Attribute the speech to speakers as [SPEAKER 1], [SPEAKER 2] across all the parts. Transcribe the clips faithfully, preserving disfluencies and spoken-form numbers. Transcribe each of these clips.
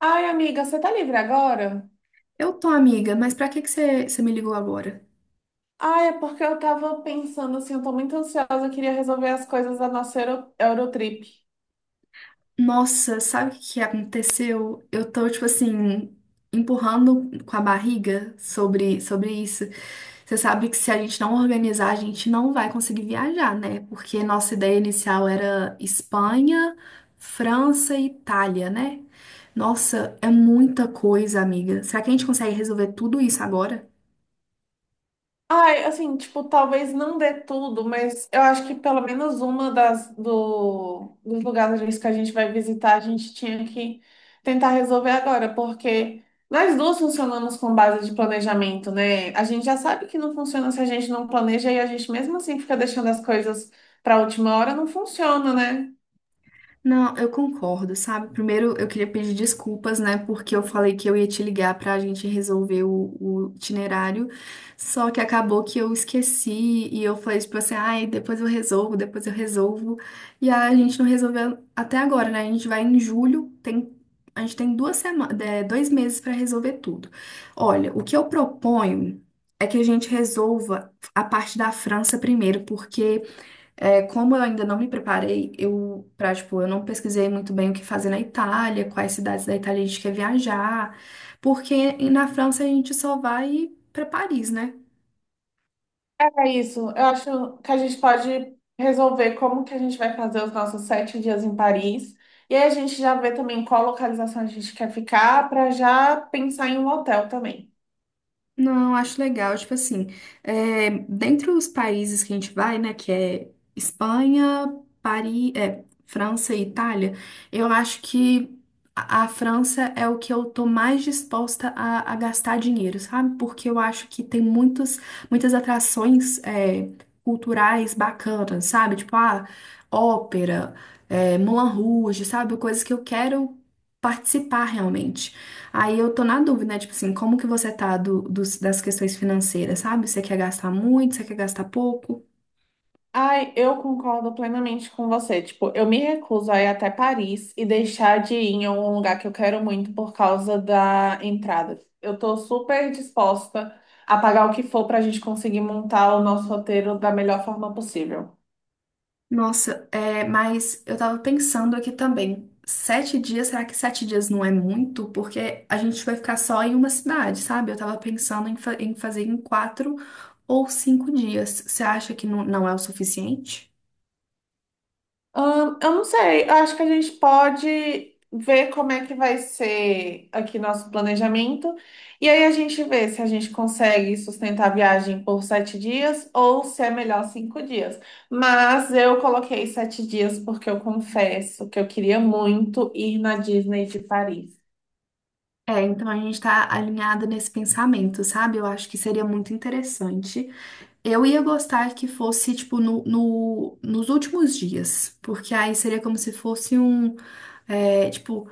[SPEAKER 1] Ai, amiga, você tá livre agora?
[SPEAKER 2] Eu tô, amiga, mas pra que que você, você me ligou agora?
[SPEAKER 1] Ai, é porque eu tava pensando assim, eu tô muito ansiosa, eu queria resolver as coisas da nossa Euro- Eurotrip.
[SPEAKER 2] Nossa, sabe o que que aconteceu? Eu tô, tipo assim, empurrando com a barriga sobre, sobre isso. Você sabe que se a gente não organizar, a gente não vai conseguir viajar, né? Porque nossa ideia inicial era Espanha, França e Itália, né? Nossa, é muita coisa, amiga. Será que a gente consegue resolver tudo isso agora?
[SPEAKER 1] Ai, assim, tipo, talvez não dê tudo, mas eu acho que pelo menos uma das do, dos lugares que a gente vai visitar, a gente tinha que tentar resolver agora, porque nós duas funcionamos com base de planejamento, né? A gente já sabe que não funciona se a gente não planeja e a gente mesmo assim fica deixando as coisas pra última hora, não funciona, né?
[SPEAKER 2] Não, eu concordo, sabe? Primeiro, eu queria pedir desculpas, né? Porque eu falei que eu ia te ligar pra gente resolver o, o itinerário, só que acabou que eu esqueci e eu falei tipo assim, ai, depois eu resolvo, depois eu resolvo. E a gente não resolveu até agora, né? A gente vai em julho, tem, a gente tem duas semanas, dois meses pra resolver tudo. Olha, o que eu proponho é que a gente resolva a parte da França primeiro, porque é, como eu ainda não me preparei, eu, pra, tipo, eu não pesquisei muito bem o que fazer na Itália, quais cidades da Itália a gente quer viajar, porque na França a gente só vai pra Paris, né?
[SPEAKER 1] É isso. Eu acho que a gente pode resolver como que a gente vai fazer os nossos sete dias em Paris. E aí a gente já vê também qual localização a gente quer ficar para já pensar em um hotel também.
[SPEAKER 2] Não, acho legal. Tipo assim, é, dentre os países que a gente vai, né, que é Espanha, Paris, é, França e Itália, eu acho que a, a França é o que eu tô mais disposta a, a gastar dinheiro, sabe? Porque eu acho que tem muitos, muitas atrações, é, culturais bacanas, sabe? Tipo, ah, ópera, é, Moulin Rouge, sabe? Coisas que eu quero participar realmente. Aí eu tô na dúvida, né? Tipo assim, como que você tá do, dos- das questões financeiras, sabe? Você quer gastar muito, você quer gastar pouco?
[SPEAKER 1] Ai, eu concordo plenamente com você. Tipo, eu me recuso a ir até Paris e deixar de ir em um lugar que eu quero muito por causa da entrada. Eu tô super disposta a pagar o que for para a gente conseguir montar o nosso roteiro da melhor forma possível.
[SPEAKER 2] Nossa, é, mas eu tava pensando aqui também. Sete dias, será que sete dias não é muito? Porque a gente vai ficar só em uma cidade, sabe? Eu tava pensando em, fa- em fazer em quatro ou cinco dias. Você acha que não, não é o suficiente?
[SPEAKER 1] Ahn, eu não sei, eu acho que a gente pode ver como é que vai ser aqui nosso planejamento. E aí a gente vê se a gente consegue sustentar a viagem por sete dias ou se é melhor cinco dias. Mas eu coloquei sete dias porque eu confesso que eu queria muito ir na Disney de Paris.
[SPEAKER 2] É, então a gente tá alinhada nesse pensamento, sabe? Eu acho que seria muito interessante. Eu ia gostar que fosse, tipo, no, no- nos últimos dias, porque aí seria como se fosse um, é, tipo,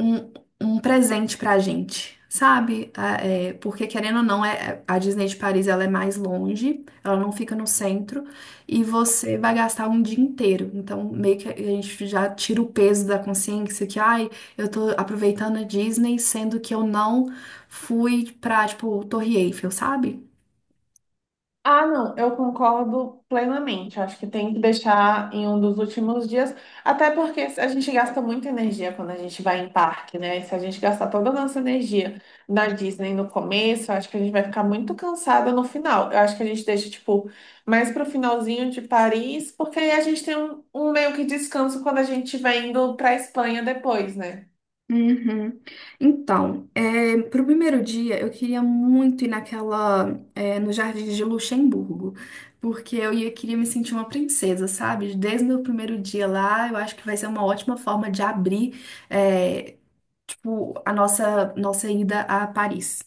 [SPEAKER 2] um, um presente pra gente, sabe? Ah, é, porque, querendo ou não, é, a Disney de Paris, ela é mais longe, ela não fica no centro, e você vai gastar um dia inteiro. Então, meio que a gente já tira o peso da consciência que, ai, eu tô aproveitando a Disney, sendo que eu não fui pra, tipo, Torre Eiffel, sabe?
[SPEAKER 1] Ah, não, eu concordo plenamente. Acho que tem que deixar em um dos últimos dias, até porque a gente gasta muita energia quando a gente vai em parque, né? Se a gente gastar toda a nossa energia na Disney no começo, eu acho que a gente vai ficar muito cansada no final. Eu acho que a gente deixa, tipo, mais pro finalzinho de Paris, porque aí a gente tem um, um meio que descanso quando a gente vai indo pra Espanha depois, né?
[SPEAKER 2] Uhum. Então, é, pro primeiro dia eu queria muito ir naquela, é, no Jardim de Luxemburgo, porque eu ia, queria me sentir uma princesa, sabe? Desde o meu primeiro dia lá, eu acho que vai ser uma ótima forma de abrir, é, tipo, a nossa, nossa ida a Paris.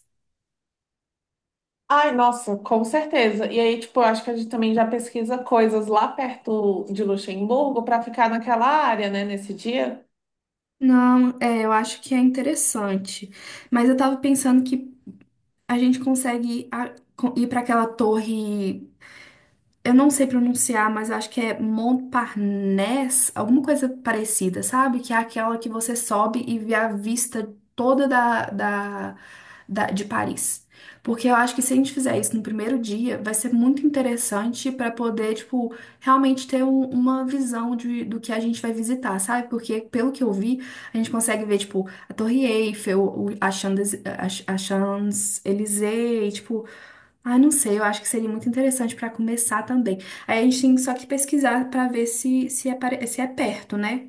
[SPEAKER 1] Ai, nossa, com certeza. E aí, tipo, eu acho que a gente também já pesquisa coisas lá perto de Luxemburgo para ficar naquela área, né, nesse dia.
[SPEAKER 2] Não, é, eu acho que é interessante, mas eu tava pensando que a gente consegue a- co- ir para aquela torre. Eu não sei pronunciar, mas acho que é Montparnasse, alguma coisa parecida, sabe? Que é aquela que você sobe e vê a vista toda da, da, da- de Paris. Porque eu acho que se a gente fizer isso no primeiro dia, vai ser muito interessante para poder, tipo, realmente ter um- uma visão de, do que a gente vai visitar, sabe? Porque, pelo que eu vi, a gente consegue ver, tipo, a Torre Eiffel, o- a Champs- a Champs-Élysées, tipo. Ah, não sei, eu acho que seria muito interessante para começar também. Aí a gente tem só que pesquisar para ver se, se, é, se é perto, né?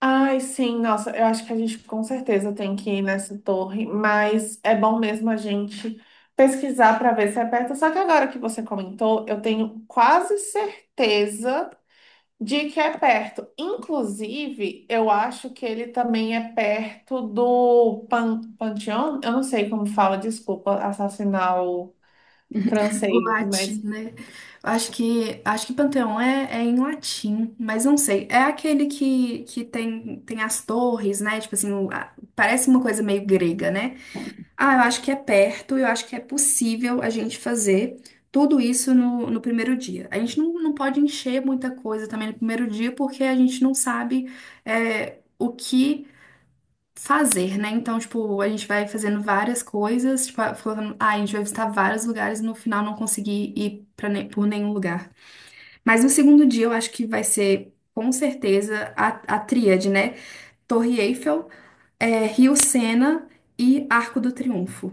[SPEAKER 1] Ai, sim, nossa, eu acho que a gente com certeza tem que ir nessa torre, mas é bom mesmo a gente pesquisar para ver se é perto. Só que agora que você comentou, eu tenho quase certeza de que é perto. Inclusive, eu acho que ele também é perto do Pan Panteão, eu não sei como fala, desculpa, assassinar
[SPEAKER 2] O
[SPEAKER 1] francês,
[SPEAKER 2] latim,
[SPEAKER 1] mas
[SPEAKER 2] né? Acho que, acho que Panteão é, é em latim, mas não sei. É aquele que, que tem, tem as torres, né? Tipo assim, o- a- parece uma coisa meio grega, né? Ah, eu acho que é perto, eu acho que é possível a gente fazer tudo isso no, no primeiro dia. A gente não, não pode encher muita coisa também no primeiro dia, porque a gente não sabe, é, o que fazer, né? Então, tipo, a gente vai fazendo várias coisas, tipo, falando, ah, a gente vai visitar vários lugares e no final não conseguir ir pra, ne- por nenhum lugar. Mas no segundo dia eu acho que vai ser, com certeza, a, a tríade, né? Torre Eiffel, é, Rio Sena e Arco do Triunfo.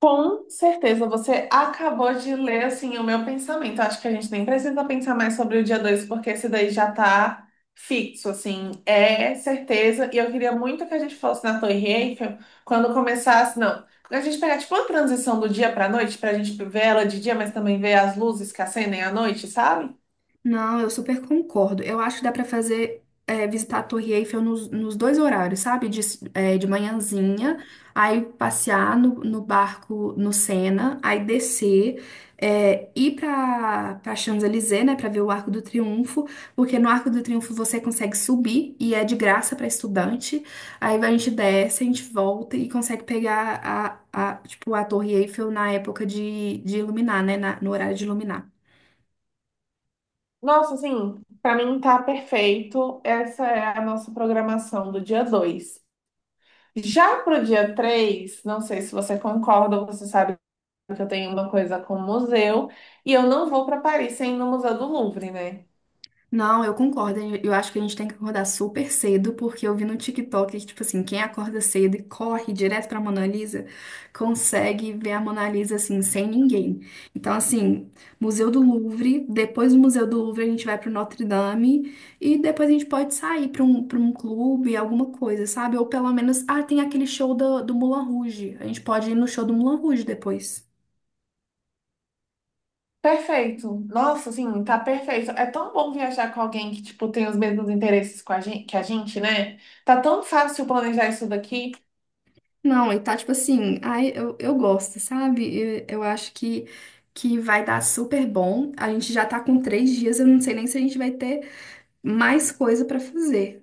[SPEAKER 1] com certeza você acabou de ler assim o meu pensamento. Acho que a gente nem precisa pensar mais sobre o dia dois porque esse daí já tá fixo, assim, é certeza. E eu queria muito que a gente fosse na Torre Eiffel quando começasse, não. A gente pegar tipo uma transição do dia pra noite, pra gente ver ela de dia, mas também ver as luzes que acendem à noite, sabe?
[SPEAKER 2] Não, eu super concordo. Eu acho que dá pra fazer é, visitar a Torre Eiffel nos, nos dois horários, sabe? De, s- é, de manhãzinha, aí passear no, no barco no Sena, aí descer, é, ir pra, pra Champs-Élysées, né? Pra ver o Arco do Triunfo, porque no Arco do Triunfo você consegue subir e é de graça pra estudante. Aí a gente desce, a gente volta e consegue pegar a, a, tipo, a Torre Eiffel na época de, de iluminar, né? na- no horário de iluminar.
[SPEAKER 1] Nossa, assim, pra mim tá perfeito. Essa é a nossa programação do dia dois. Já pro dia três, não sei se você concorda, você sabe que eu tenho uma coisa com o museu e eu não vou para Paris sem ir no Museu do Louvre, né?
[SPEAKER 2] Não, eu concordo. Eu acho que a gente tem que acordar super cedo, porque eu vi no TikTok que, tipo assim, quem acorda cedo e corre direto pra Mona Lisa, consegue ver a Mona Lisa, assim, sem ninguém. Então, assim, Museu do Louvre, depois do Museu do Louvre a gente vai pro Notre Dame, e depois a gente pode sair pra um, pra um clube, alguma coisa, sabe? Ou pelo menos, ah, tem aquele show do, do Moulin Rouge. A gente pode ir no show do Moulin Rouge depois.
[SPEAKER 1] Perfeito. Nossa, assim, tá perfeito. É tão bom viajar com alguém que, tipo, tem os mesmos interesses com a gente, que a gente, né? Tá tão fácil planejar isso daqui.
[SPEAKER 2] Não, e tá tipo assim, ai, eu, eu gosto, sabe? Eu, eu acho que, que vai dar super bom. A gente já tá com três dias, eu não sei nem se a gente vai ter mais coisa pra fazer.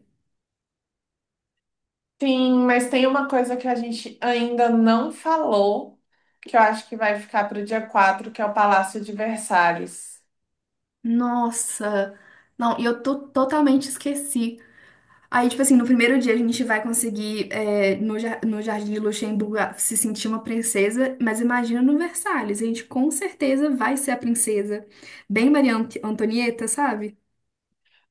[SPEAKER 1] Sim, mas tem uma coisa que a gente ainda não falou, que eu acho que vai ficar pro dia quatro, que é o Palácio de Versalhes.
[SPEAKER 2] Nossa! Não, e eu tô totalmente esqueci. Aí, tipo assim, no primeiro dia a gente vai conseguir, é, no, jar- no Jardim de Luxemburgo, a- se sentir uma princesa, mas imagina no Versalhes, a gente com certeza vai ser a princesa. Bem Maria Ant- Antonieta, sabe?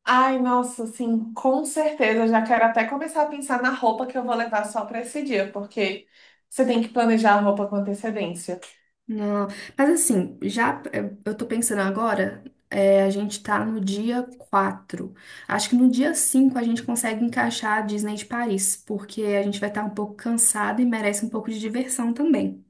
[SPEAKER 1] Ai, nossa, sim, com certeza. Já quero até começar a pensar na roupa que eu vou levar só para esse dia, porque você tem que planejar a roupa com antecedência.
[SPEAKER 2] Não, mas assim, já eh, eu tô pensando agora, eh, a gente tá no dia quatro. Acho que no dia cinco a gente consegue encaixar a Disney de Paris, porque a gente vai estar um pouco cansado e merece um pouco de diversão também.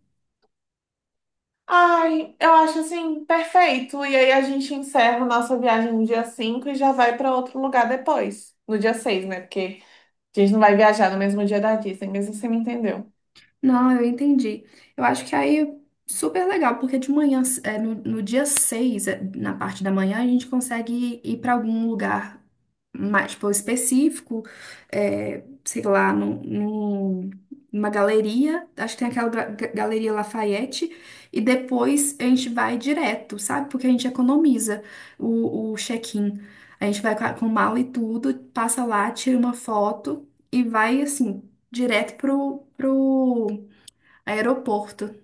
[SPEAKER 1] Ai, eu acho assim, perfeito. E aí a gente encerra nossa viagem no dia cinco e já vai para outro lugar depois, no dia seis, né? Porque a gente não vai viajar no mesmo dia da Disney, mesmo assim, você me entendeu.
[SPEAKER 2] Não, eu entendi. Eu acho que aí é super legal, porque de manhã, é, no, no dia seis, é, na parte da manhã, a gente consegue ir para algum lugar mais, tipo, específico, é, sei lá, num, num- numa galeria, acho que tem aquela ga- ga- Galeria Lafayette, e depois a gente vai direto, sabe? Porque a gente economiza o, o check-in. A gente vai com a- com mala e tudo, passa lá, tira uma foto e vai assim direto pro, pro aeroporto.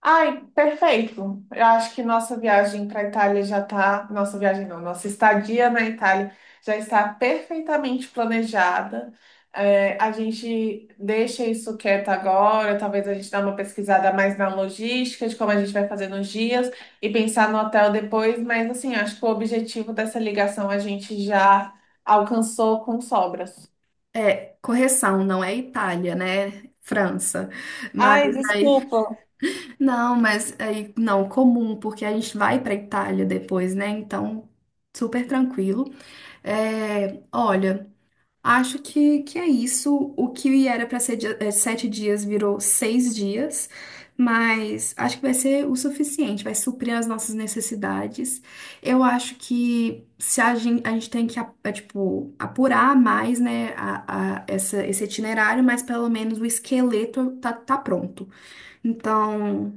[SPEAKER 1] Ai, perfeito. Eu acho que nossa viagem para a Itália já está. Nossa viagem não, nossa estadia na Itália já está perfeitamente planejada. É, a gente deixa isso quieto agora, talvez a gente dê uma pesquisada mais na logística de como a gente vai fazer nos dias e pensar no hotel depois, mas assim, acho que o objetivo dessa ligação a gente já alcançou com sobras.
[SPEAKER 2] É, correção, não é Itália, né? França. Mas
[SPEAKER 1] Ai,
[SPEAKER 2] aí,
[SPEAKER 1] desculpa.
[SPEAKER 2] não, mas aí, não, comum, porque a gente vai pra Itália depois, né? Então, super tranquilo. É, olha. Acho que, que é isso. O que era para ser dia- eh, sete dias virou seis dias, mas acho que vai ser o suficiente, vai suprir as nossas necessidades. Eu acho que se a gente, a gente tem que a- eh, tipo, apurar mais, né, a, a- essa, esse itinerário, mas pelo menos o esqueleto tá, tá pronto. Então.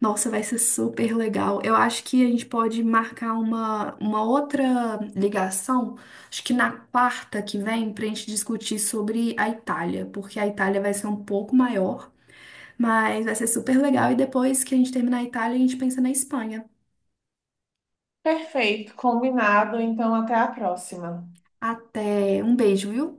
[SPEAKER 2] Nossa, vai ser super legal. Eu acho que a gente pode marcar uma, uma outra ligação, acho que na quarta que vem, para a gente discutir sobre a Itália, porque a Itália vai ser um pouco maior, mas vai ser super legal. E depois que a gente terminar a Itália, a gente pensa na Espanha.
[SPEAKER 1] Perfeito, combinado. Então, até a próxima.
[SPEAKER 2] Até um beijo, viu?